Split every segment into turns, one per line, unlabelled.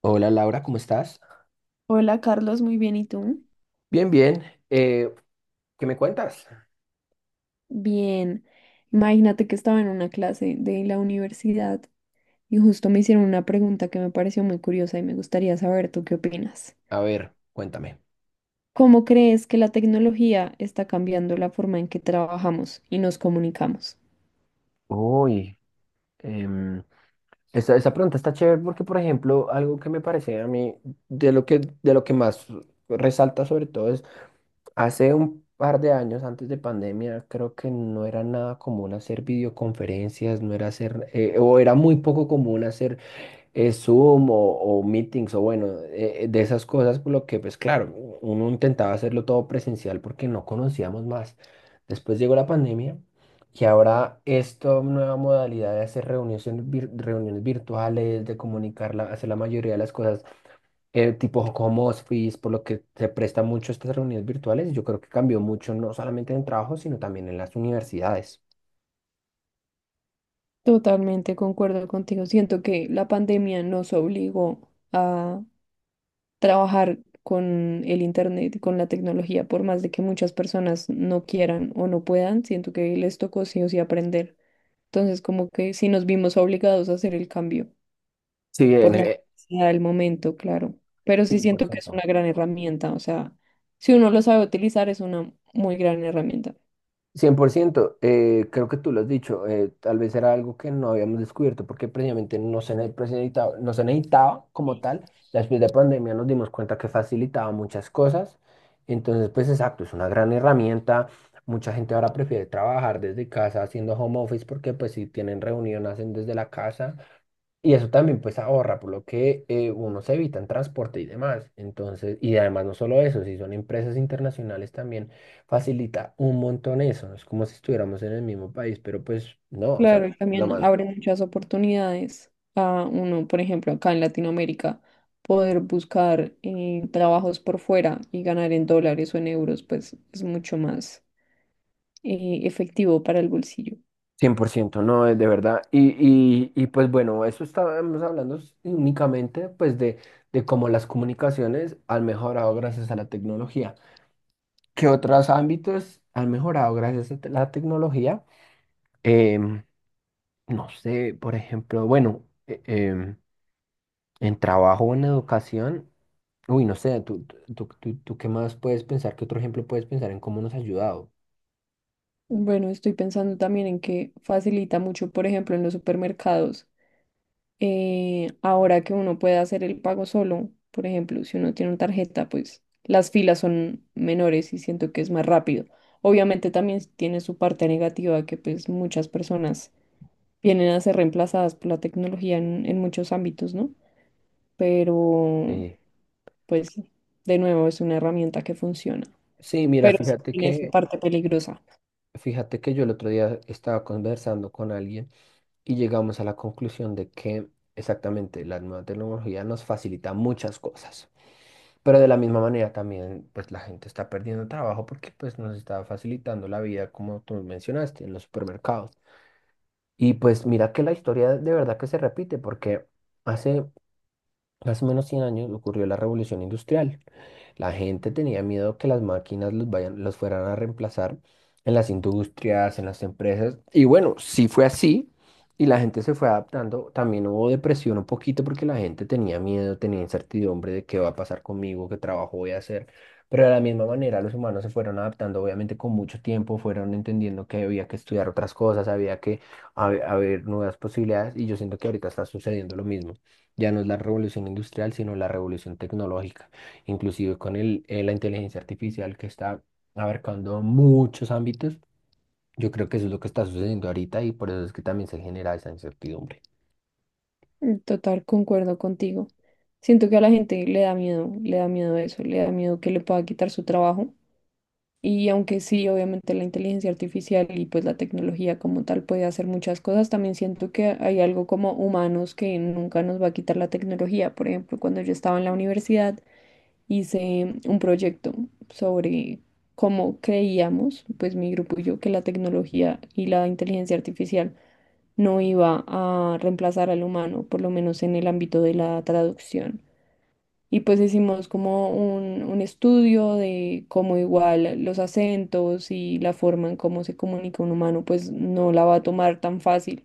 Hola Laura, ¿cómo estás?
Hola Carlos, muy bien, ¿y tú?
Bien, bien. Eh, ¿Qué me cuentas?
Bien, imagínate que estaba en una clase de la universidad y justo me hicieron una pregunta que me pareció muy curiosa y me gustaría saber tú qué opinas.
A ver, cuéntame.
¿Cómo crees que la tecnología está cambiando la forma en que trabajamos y nos comunicamos?
Uy, em, esa pregunta está chévere porque, por ejemplo, algo que me parece a mí de lo que más resalta sobre todo es, hace un par de años antes de pandemia, creo que no era nada común hacer videoconferencias, no era hacer, o era muy poco común hacer Zoom o meetings o bueno, de esas cosas, por lo que pues claro, uno intentaba hacerlo todo presencial porque no conocíamos más. Después llegó la pandemia y ahora esta nueva modalidad de hacer reuniones, reuniones virtuales, de comunicar, hacer la mayoría de las cosas tipo home office, por lo que se presta mucho estas reuniones virtuales, yo creo que cambió mucho no solamente en el trabajo, sino también en las universidades.
Totalmente concuerdo contigo. Siento que la pandemia nos obligó a trabajar con el internet y con la tecnología, por más de que muchas personas no quieran o no puedan, siento que les tocó sí o sí aprender. Entonces, como que sí nos vimos obligados a hacer el cambio
Sí.
por la necesidad del momento, claro. Pero sí
Cien por
siento que es
ciento,
una gran herramienta, o sea, si uno lo sabe utilizar, es una muy gran herramienta.
100%. Creo que tú lo has dicho, tal vez era algo que no habíamos descubierto porque precisamente no se, ne- pues, necesitaba, no se necesitaba como tal. Ya, después de pandemia nos dimos cuenta que facilitaba muchas cosas. Entonces, pues exacto, es una gran herramienta. Mucha gente ahora prefiere trabajar desde casa haciendo home office porque pues si tienen reunión hacen desde la casa. Y eso también pues ahorra, por lo que uno se evita en transporte y demás. Entonces, y además no solo eso, si son empresas internacionales también facilita un montón eso. No, es como si estuviéramos en el mismo país, pero pues no, o sea,
Claro, y
lo
también
más
abre muchas oportunidades a uno, por ejemplo, acá en Latinoamérica, poder buscar trabajos por fuera y ganar en dólares o en euros, pues es mucho más efectivo para el bolsillo.
100% no es de verdad. Y, pues bueno, eso estábamos hablando únicamente pues de cómo las comunicaciones han mejorado gracias a la tecnología. ¿Qué otros ámbitos han mejorado gracias a la tecnología? Em, No sé, por ejemplo, bueno, en trabajo o en educación, uy, no sé, tú qué más puedes pensar, qué otro ejemplo puedes pensar en cómo nos ha ayudado.
Bueno, estoy pensando también en que facilita mucho, por ejemplo, en los supermercados ahora que uno puede hacer el pago solo, por ejemplo, si uno tiene una tarjeta, pues las filas son menores y siento que es más rápido. Obviamente también tiene su parte negativa, que pues muchas personas vienen a ser reemplazadas por la tecnología en muchos ámbitos, ¿no? Pero
Sí,
pues de nuevo es una herramienta que funciona,
sí, mira,
pero sí tiene su parte peligrosa.
fíjate que yo el otro día estaba conversando con alguien y llegamos a la conclusión de que exactamente la nueva tecnología nos facilita muchas cosas, pero de la misma manera también, pues la gente está perdiendo trabajo porque pues nos está facilitando la vida, como tú mencionaste, en los supermercados. Y pues mira que la historia de verdad que se repite, porque hace, más o menos 100 años ocurrió la revolución industrial. La gente tenía miedo que las máquinas los vayan, los fueran a reemplazar en las industrias, en las empresas. Y bueno, sí fue así. Y la gente se fue adaptando. También hubo depresión un poquito porque la gente tenía miedo, tenía incertidumbre de qué va a pasar conmigo, qué trabajo voy a hacer. Pero de la misma manera los humanos se fueron adaptando, obviamente con mucho tiempo, fueron entendiendo que había que estudiar otras cosas, había que haber nuevas posibilidades. Y yo siento que ahorita está sucediendo lo mismo. Ya no es la revolución industrial, sino la revolución tecnológica, inclusive con la inteligencia artificial que está abarcando muchos ámbitos. Yo creo que eso es lo que está sucediendo ahorita y por eso es que también se genera esa incertidumbre.
En total, concuerdo contigo. Siento que a la gente le da miedo eso, le da miedo que le pueda quitar su trabajo. Y aunque sí, obviamente la inteligencia artificial y pues la tecnología como tal puede hacer muchas cosas, también siento que hay algo como humanos que nunca nos va a quitar la tecnología. Por ejemplo, cuando yo estaba en la universidad hice un proyecto sobre cómo creíamos, pues mi grupo y yo, que la tecnología y la inteligencia artificial no iba a reemplazar al humano, por lo menos en el ámbito de la traducción. Y pues hicimos como un estudio de cómo igual los acentos y la forma en cómo se comunica un humano, pues no la va a tomar tan fácil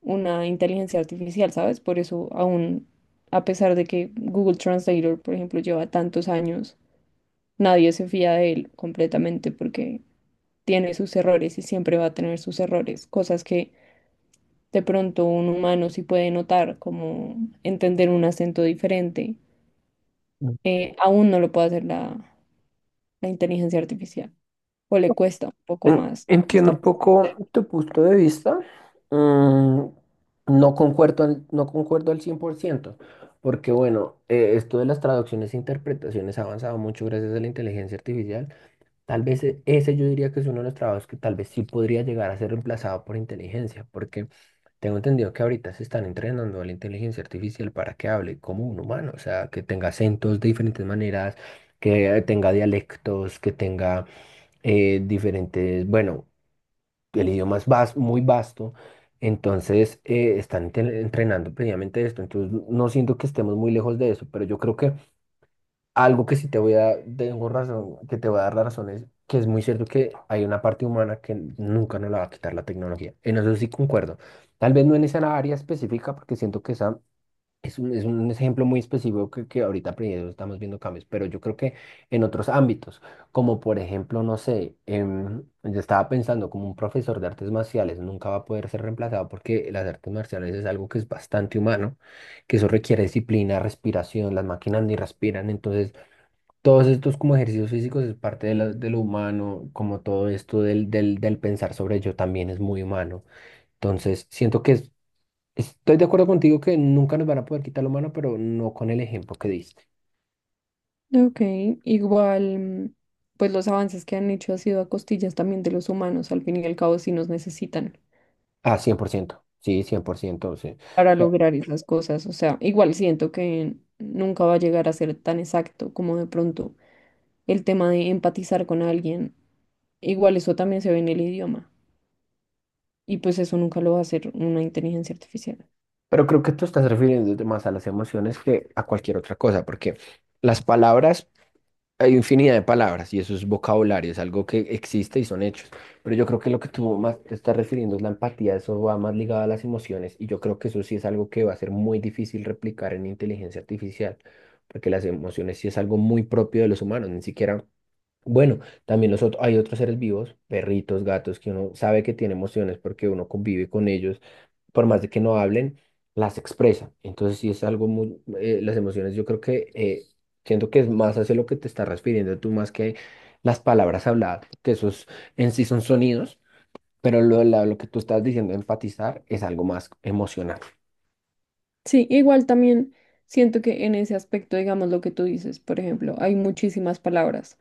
una inteligencia artificial, ¿sabes? Por eso aún, a pesar de que Google Translator, por ejemplo, lleva tantos años, nadie se fía de él completamente porque tiene sus errores y siempre va a tener sus errores, cosas que de pronto un humano sí puede notar, como entender un acento diferente.
Mm.
Aún no lo puede hacer la inteligencia artificial, o le cuesta un poco más.
Entiendo
Está...
un poco tu punto de vista. Mm, no concuerdo, no concuerdo al 100%, porque bueno, esto de las traducciones e interpretaciones ha avanzado mucho gracias a la inteligencia artificial. Tal vez ese yo diría que es uno de los trabajos que tal vez sí podría llegar a ser reemplazado por inteligencia, porque tengo entendido que ahorita se están entrenando a la inteligencia artificial para que hable como un humano, o sea, que tenga acentos de diferentes maneras, que tenga dialectos, que tenga diferentes, bueno, el idioma es muy vasto, entonces están entrenando previamente esto, entonces no siento que estemos muy lejos de eso, pero yo creo que algo que sí te voy a, tengo razón, que te voy a dar la razón es que es muy cierto que hay una parte humana que nunca nos la va a quitar la tecnología. En eso sí concuerdo. Tal vez no en esa área específica, porque siento que esa es un ejemplo muy específico que ahorita pues, estamos viendo cambios, pero yo creo que en otros ámbitos, como por ejemplo, no sé, yo estaba pensando como un profesor de artes marciales nunca va a poder ser reemplazado porque las artes marciales es algo que es bastante humano, que eso requiere disciplina, respiración, las máquinas ni respiran, entonces todos estos como ejercicios físicos es parte de, de lo humano, como todo esto del pensar sobre yo también es muy humano. Entonces, siento que estoy de acuerdo contigo que nunca nos van a poder quitar lo humano, pero no con el ejemplo que diste.
Ok, igual, pues los avances que han hecho ha sido a costillas también de los humanos, al fin y al cabo sí nos necesitan
Ah, 100% sí, 100% sí.
para
Ya,
lograr esas cosas, o sea, igual siento que nunca va a llegar a ser tan exacto como de pronto el tema de empatizar con alguien, igual eso también se ve en el idioma, y pues eso nunca lo va a hacer una inteligencia artificial.
pero creo que tú estás refiriéndote más a las emociones que a cualquier otra cosa, porque las palabras hay infinidad de palabras y eso es vocabulario, es algo que existe y son hechos. Pero yo creo que lo que tú más te estás refiriendo es la empatía, eso va más ligado a las emociones y yo creo que eso sí es algo que va a ser muy difícil replicar en inteligencia artificial, porque las emociones sí es algo muy propio de los humanos, ni siquiera, bueno, también los otros, hay otros seres vivos, perritos, gatos, que uno sabe que tiene emociones porque uno convive con ellos por más de que no hablen, las expresa. Entonces sí es algo muy, las emociones yo creo que siento que es más hacia lo que te estás refiriendo tú más que las palabras habladas, que esos en sí son sonidos, pero lo que tú estás diciendo, enfatizar, es algo más emocional.
Sí, igual también siento que en ese aspecto, digamos lo que tú dices, por ejemplo, hay muchísimas palabras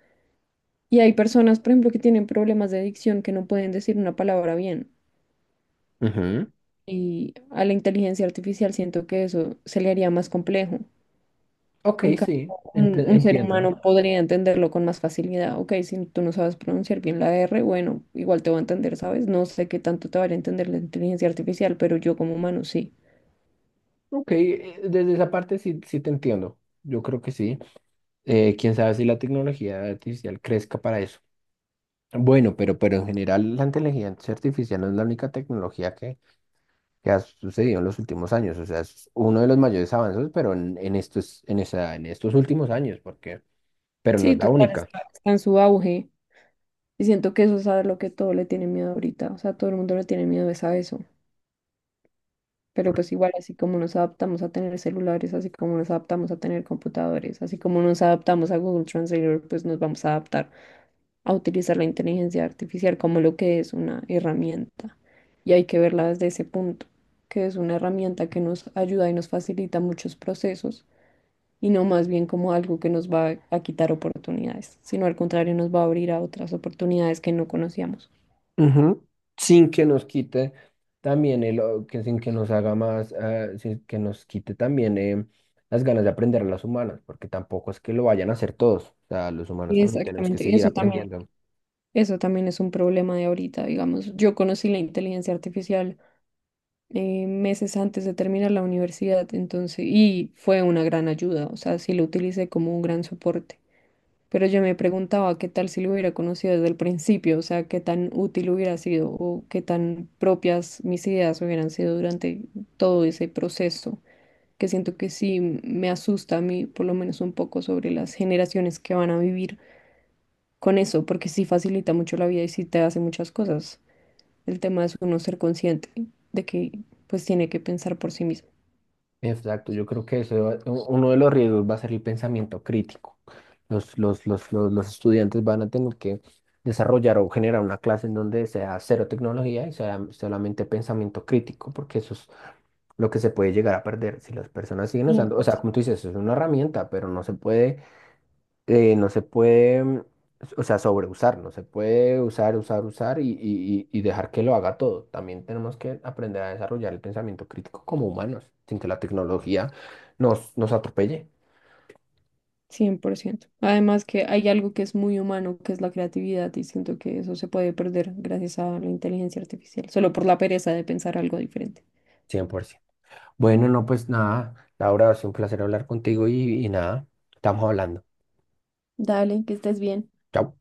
y hay personas, por ejemplo, que tienen problemas de dicción, que no pueden decir una palabra bien,
Ujú.
y a la inteligencia artificial siento que eso se le haría más complejo.
Ok,
En cambio,
sí,
un ser
entiendo.
humano podría entenderlo con más facilidad. Ok, si tú no sabes pronunciar bien la R, bueno, igual te va a entender, ¿sabes? No sé qué tanto te va a entender la inteligencia artificial, pero yo como humano sí.
Ok, desde esa parte sí, sí te entiendo. Yo creo que sí. Quién sabe si la tecnología artificial crezca para eso. Bueno, pero en general la inteligencia artificial no es la única tecnología que ha sucedido en los últimos años. O sea, es uno de los mayores avances, pero en estos, en esa, en estos últimos años, porque, pero no
Sí,
es la
total,
única.
está en su auge. Y siento que eso es a lo que todo le tiene miedo ahorita. O sea, todo el mundo le tiene miedo es a eso. Pero pues igual, así como nos adaptamos a tener celulares, así como nos adaptamos a tener computadores, así como nos adaptamos a Google Translator, pues nos vamos a adaptar a utilizar la inteligencia artificial como lo que es, una herramienta. Y hay que verla desde ese punto, que es una herramienta que nos ayuda y nos facilita muchos procesos, y no más bien como algo que nos va a quitar oportunidades, sino al contrario, nos va a abrir a otras oportunidades que no conocíamos.
Ujú. Sin que nos quite también el, que sin que nos haga más, sin que nos quite también las ganas de aprender a las humanas, porque tampoco es que lo vayan a hacer todos. O sea, los humanos también tenemos que
Exactamente,
seguir aprendiendo.
eso también es un problema de ahorita, digamos. Yo conocí la inteligencia artificial meses antes de terminar la universidad, entonces, y fue una gran ayuda, o sea, sí lo utilicé como un gran soporte. Pero yo me preguntaba qué tal si lo hubiera conocido desde el principio, o sea, qué tan útil hubiera sido o qué tan propias mis ideas hubieran sido durante todo ese proceso, que siento que sí me asusta a mí, por lo menos un poco, sobre las generaciones que van a vivir con eso, porque sí facilita mucho la vida y sí te hace muchas cosas. El tema es uno ser consciente de que pues tiene que pensar por sí mismo,
Exacto, yo creo que eso uno de los riesgos va a ser el pensamiento crítico. Los estudiantes van a tener que desarrollar o generar una clase en donde sea cero tecnología y sea solamente pensamiento crítico, porque eso es lo que se puede llegar a perder si las personas siguen usando. O sea, como tú dices, es una herramienta, pero no se puede eh, no se puede, mm, o sea, sobreusar, no se puede usar, y, y dejar que lo haga todo. También tenemos que aprender a desarrollar el pensamiento crítico como humanos, sin que la tecnología nos atropelle.
100%. Además, que hay algo que es muy humano, que es la creatividad, y siento que eso se puede perder gracias a la inteligencia artificial, solo por la pereza de pensar algo diferente.
100%. Bueno, no, pues nada, Laura, ha sido un placer hablar contigo y nada, estamos hablando.
Dale, que estés bien.
Chao.